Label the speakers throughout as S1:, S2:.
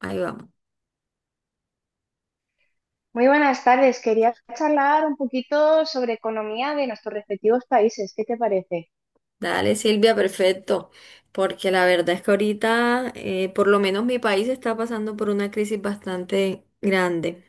S1: Ahí vamos.
S2: Muy buenas tardes. Quería charlar un poquito sobre economía de nuestros respectivos países. ¿Qué te parece?
S1: Dale, Silvia, perfecto. Porque la verdad es que ahorita, por lo menos mi país está pasando por una crisis bastante grande.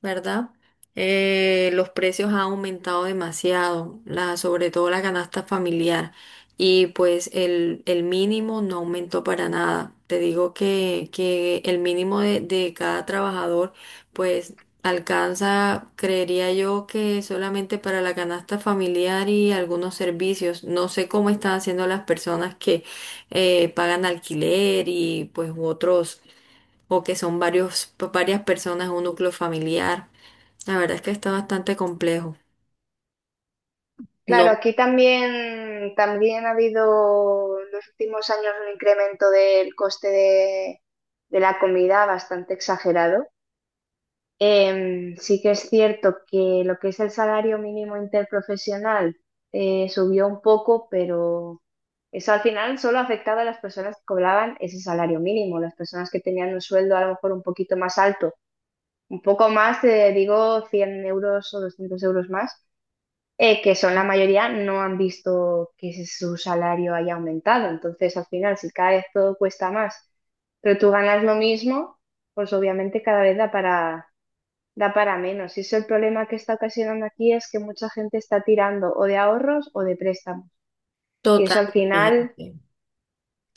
S1: ¿Verdad? Los precios han aumentado demasiado, sobre todo la canasta familiar. Y pues el mínimo no aumentó para nada. Te digo que el mínimo de cada trabajador pues alcanza, creería yo que solamente para la canasta familiar y algunos servicios. No sé cómo están haciendo las personas que pagan alquiler y pues u otros, o que son varios, varias personas en un núcleo familiar. La verdad es que está bastante complejo. No,
S2: Claro, aquí también ha habido en los últimos años un incremento del coste de la comida bastante exagerado. Sí que es cierto que lo que es el salario mínimo interprofesional subió un poco, pero eso al final solo ha afectado a las personas que cobraban ese salario mínimo. Las personas que tenían un sueldo a lo mejor un poquito más alto un poco más, digo 100 euros o 200 euros más, que son la mayoría, no han visto que su salario haya aumentado. Entonces, al final, si cada vez todo cuesta más, pero tú ganas lo mismo, pues obviamente cada vez da para menos. Y eso el problema que está ocasionando aquí es que mucha gente está tirando o de ahorros o de préstamos. Y eso al final
S1: totalmente.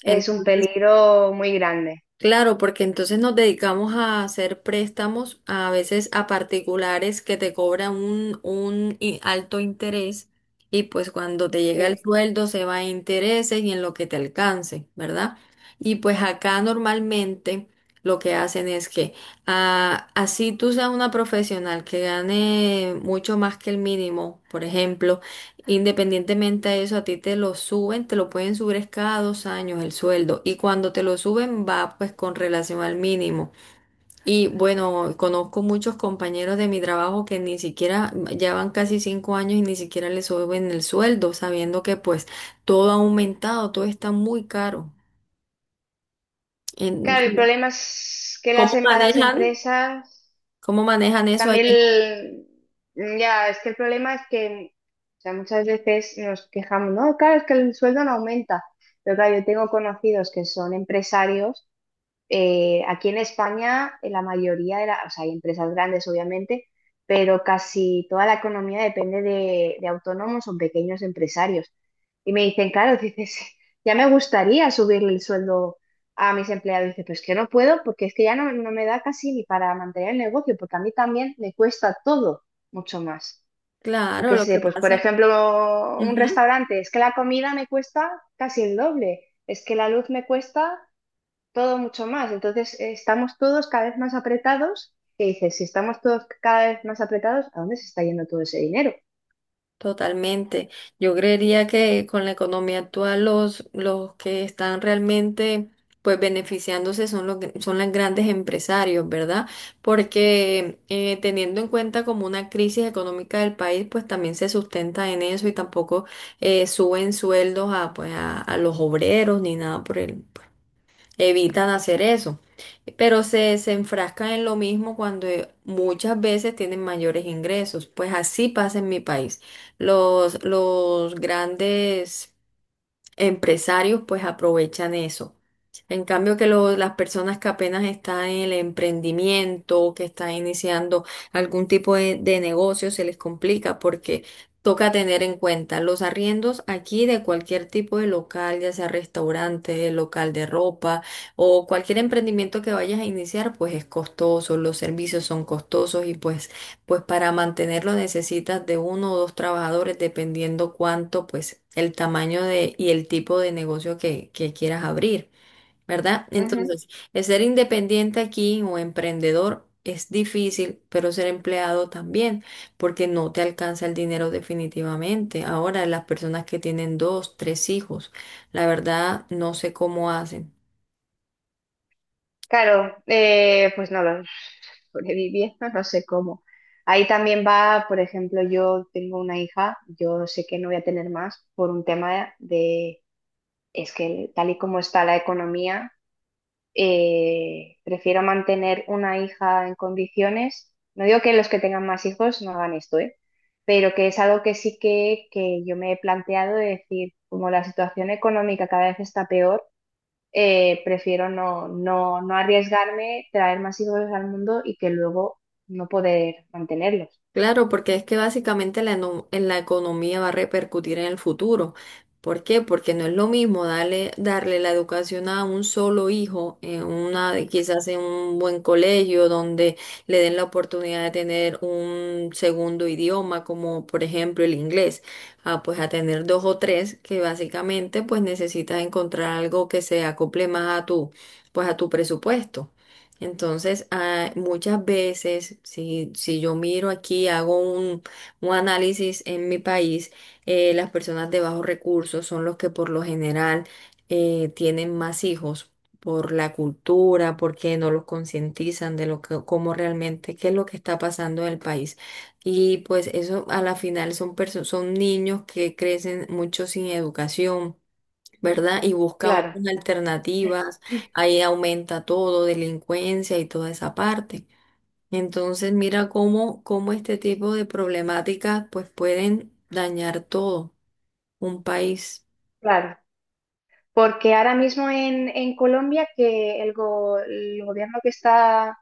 S2: es un
S1: Entonces,
S2: peligro muy grande.
S1: claro, porque entonces nos dedicamos a hacer préstamos a veces a particulares que te cobran un alto interés y pues cuando te llega el
S2: Sí.
S1: sueldo se va a intereses y en lo que te alcance, ¿verdad? Y pues acá normalmente lo que hacen es que ah, así tú seas una profesional que gane mucho más que el mínimo, por ejemplo. Independientemente a eso, a ti te lo suben, te lo pueden subir es cada dos años el sueldo y cuando te lo suben va pues con relación al mínimo. Y bueno, conozco muchos compañeros de mi trabajo que ni siquiera, ya van casi cinco años y ni siquiera les suben el sueldo, sabiendo que pues todo ha aumentado, todo está muy caro. En-
S2: Claro, el problema es que
S1: ¿cómo
S2: a las
S1: manejan?
S2: empresas
S1: ¿Cómo manejan eso allá?
S2: también, ya, es que el problema es que, o sea, muchas veces nos quejamos, no, claro, es que el sueldo no aumenta, pero claro, yo tengo conocidos que son empresarios aquí en España, la mayoría de las, o sea, hay empresas grandes, obviamente, pero casi toda la economía depende de autónomos o pequeños empresarios. Y me dicen, claro, dices, ya me gustaría subirle el sueldo a mis empleados. Dice, pues que no puedo, porque es que ya no me da casi ni para mantener el negocio, porque a mí también me cuesta todo mucho más. Yo
S1: Claro,
S2: qué
S1: lo que
S2: sé, pues por
S1: pasa.
S2: ejemplo, un
S1: Ujú.
S2: restaurante, es que la comida me cuesta casi el doble, es que la luz me cuesta todo mucho más. Entonces, estamos todos cada vez más apretados. Y dices, si estamos todos cada vez más apretados, ¿a dónde se está yendo todo ese dinero?
S1: Totalmente. Yo creería que con la economía actual los que están realmente pues beneficiándose son son los grandes empresarios, ¿verdad? Porque teniendo en cuenta como una crisis económica del país, pues también se sustenta en eso y tampoco suben sueldos a, pues, a los obreros ni nada por el, evitan hacer eso, pero se enfrascan en lo mismo cuando muchas veces tienen mayores ingresos. Pues así pasa en mi país. Los grandes empresarios pues aprovechan eso. En cambio que las personas que apenas están en el emprendimiento, que están iniciando algún tipo de negocio, se les complica porque toca tener en cuenta los arriendos aquí de cualquier tipo de local, ya sea restaurante, local de ropa o cualquier emprendimiento que vayas a iniciar, pues es costoso, los servicios son costosos y pues para mantenerlo necesitas de uno o dos trabajadores, dependiendo cuánto, pues el tamaño de, y el tipo de negocio que quieras abrir, ¿verdad?
S2: Ujú.
S1: Entonces, el ser independiente aquí o emprendedor es difícil, pero ser empleado también, porque no te alcanza el dinero definitivamente. Ahora, las personas que tienen dos, tres hijos, la verdad, no sé cómo hacen.
S2: Claro, pues no lo sobreviviendo, no sé cómo. Ahí también va, por ejemplo, yo tengo una hija, yo sé que no voy a tener más por un tema de, es que tal y como está la economía, prefiero mantener una hija en condiciones. No digo que los que tengan más hijos no hagan esto, ¿eh? Pero que es algo que sí que yo me he planteado de decir, como la situación económica cada vez está peor, prefiero no arriesgarme, traer más hijos al mundo y que luego no poder mantenerlos.
S1: Claro, porque es que básicamente en la economía va a repercutir en el futuro. ¿Por qué? Porque no es lo mismo darle, darle la educación a un solo hijo, en una, quizás en un buen colegio donde le den la oportunidad de tener un segundo idioma, como por ejemplo el inglés, a, pues a tener dos o tres que básicamente pues necesitas encontrar algo que se acople más a tu, pues a tu presupuesto. Entonces, ah, muchas veces, si yo miro aquí, hago un análisis en mi país, las personas de bajos recursos son los que por lo general tienen más hijos por la cultura, porque no los concientizan de lo que, cómo realmente, qué es lo que está pasando en el país. Y pues eso a la final son son niños que crecen mucho sin educación, ¿verdad? Y buscan
S2: Claro,
S1: otras alternativas, ahí aumenta todo, delincuencia y toda esa parte. Entonces, mira cómo, cómo este tipo de problemáticas pues pueden dañar todo un país,
S2: claro. Porque ahora mismo en Colombia que el gobierno que está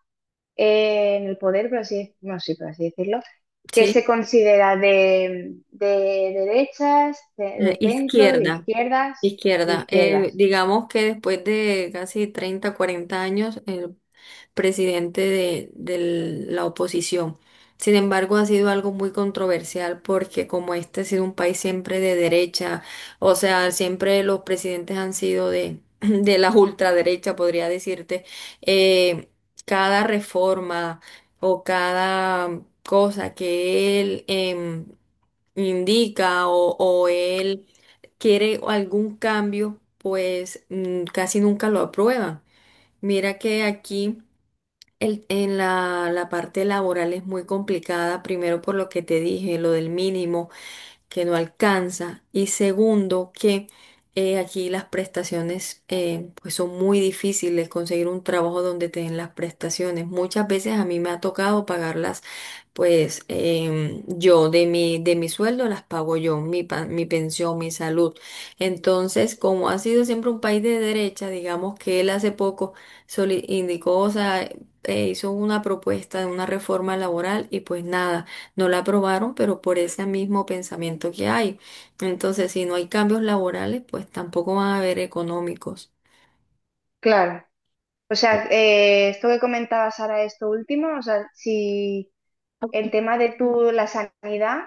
S2: en el poder, por así, no, sí, por así decirlo, que se
S1: ¿sí?
S2: considera de derechas, de centro, de
S1: Izquierda,
S2: izquierdas, de
S1: izquierda.
S2: izquierdas.
S1: Digamos que después de casi 30 40 años, el presidente de la oposición. Sin embargo, ha sido algo muy controversial porque como este ha sido un país siempre de derecha, o sea, siempre los presidentes han sido de, de la ultraderecha, podría decirte, eh, cada reforma o cada cosa que él indica o él quiere algún cambio, pues casi nunca lo aprueban. Mira que aquí... El- en la parte laboral es muy complicada, primero por lo que te dije, lo del mínimo que no alcanza y segundo que aquí las prestaciones pues son muy difíciles conseguir un trabajo donde te den las prestaciones. Muchas veces a mí me ha tocado pagarlas pues yo de mi sueldo las pago yo, mi pensión, mi salud. Entonces, como ha sido siempre un país de derecha, digamos que él hace poco indicó, o sea, hizo una propuesta de una reforma laboral y pues nada, no la aprobaron, pero por ese mismo pensamiento que hay. Entonces, si no hay cambios laborales, pues tampoco van a haber económicos.
S2: Claro. O sea, esto que comentabas ahora, esto último, o sea, si el tema de tu, la sanidad,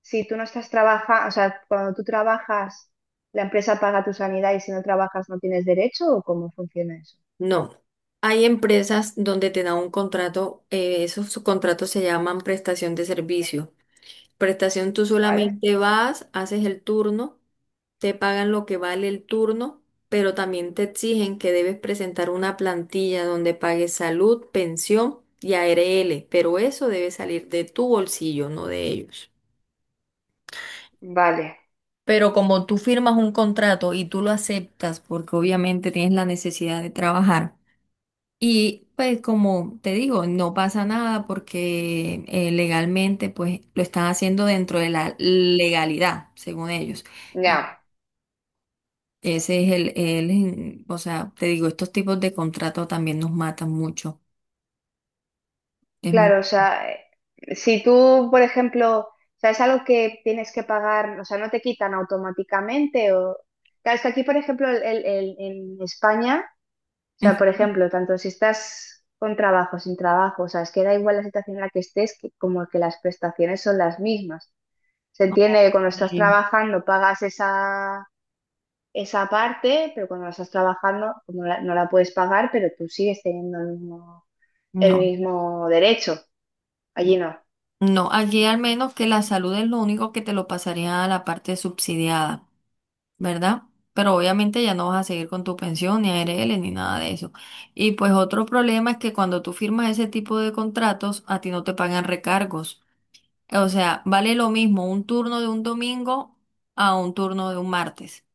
S2: si tú no estás trabajando, o sea, cuando tú trabajas, la empresa paga tu sanidad y si no trabajas no tienes derecho, ¿o cómo funciona eso?
S1: No. Hay empresas donde te dan un contrato, esos contratos se llaman prestación de servicio. Prestación, tú
S2: ¿Vale?
S1: solamente vas, haces el turno, te pagan lo que vale el turno, pero también te exigen que debes presentar una plantilla donde pagues salud, pensión y ARL, pero eso debe salir de tu bolsillo, no de ellos.
S2: Vale,
S1: Pero como tú firmas un contrato y tú lo aceptas, porque obviamente tienes la necesidad de trabajar, y pues como te digo, no pasa nada porque legalmente pues lo están haciendo dentro de la legalidad, según ellos. Y
S2: ya.
S1: ese es o sea, te digo, estos tipos de contratos también nos matan mucho. Es mu-
S2: Claro, o sea, si tú, por ejemplo, o sea, es algo que tienes que pagar, o sea, no te quitan automáticamente o... Claro, es que aquí, por ejemplo, en España, o sea, por
S1: Ujú.
S2: ejemplo, tanto si estás con trabajo, sin trabajo, o sea, es que da igual la situación en la que estés, que como que las prestaciones son las mismas. Se entiende que cuando estás
S1: Eh,
S2: trabajando pagas esa parte, pero cuando no estás trabajando como no la puedes pagar, pero tú sigues teniendo el
S1: No,
S2: mismo derecho. Allí no.
S1: no, aquí al menos que la salud es lo único que te lo pasaría a la parte subsidiada. ¿Verdad? Pero obviamente ya no vas a seguir con tu pensión, ni ARL, ni nada de eso. Y pues otro problema es que cuando tú firmas ese tipo de contratos, a ti no te pagan recargos. O sea, vale lo mismo un turno de un domingo a un turno de un martes.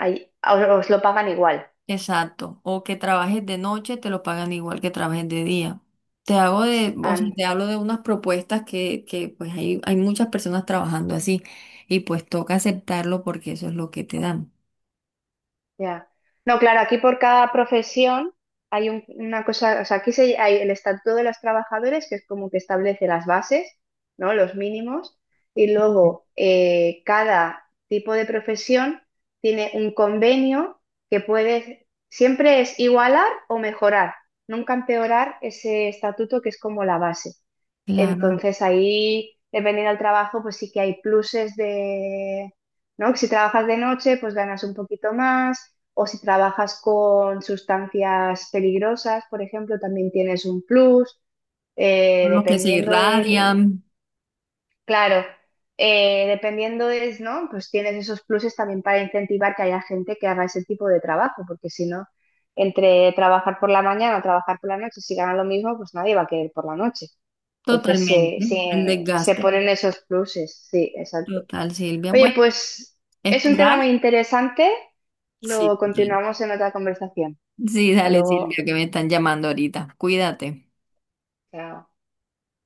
S2: Ahí, os lo pagan igual.
S1: Exacto. O que trabajes de noche, te lo pagan igual que trabajes de día. Te hago de, o
S2: Ah,
S1: sea, te hablo de unas propuestas que pues hay muchas personas trabajando así y pues toca aceptarlo porque eso es lo que te dan.
S2: ya. No, claro, aquí por cada profesión una cosa, o sea, aquí se, hay el estatuto de los trabajadores, que es como que establece las bases, ¿no? Los mínimos, y luego cada tipo de profesión tiene un convenio que puede, siempre es igualar o mejorar, nunca empeorar ese estatuto que es como la base.
S1: Claro.
S2: Entonces ahí, dependiendo del trabajo, pues sí que hay pluses de ¿no? Si trabajas de noche, pues ganas un poquito más, o si trabajas con sustancias peligrosas, por ejemplo, también tienes un plus,
S1: Con lo que se
S2: dependiendo del,
S1: irradian
S2: claro, dependiendo es, ¿no? Pues tienes esos pluses también para incentivar que haya gente que haga ese tipo de trabajo, porque si no, entre trabajar por la mañana o trabajar por la noche, si ganan lo mismo, pues nadie va a querer por la noche. Entonces
S1: totalmente, el
S2: se
S1: desgaste
S2: ponen esos pluses, sí, exacto.
S1: total, Silvia.
S2: Oye,
S1: Bueno,
S2: pues es un tema
S1: esperar.
S2: muy interesante. Lo
S1: Sí,
S2: continuamos en otra conversación.
S1: sí,
S2: Hasta
S1: dale,
S2: luego.
S1: Silvia, que me están llamando ahorita. Cuídate.
S2: Chao.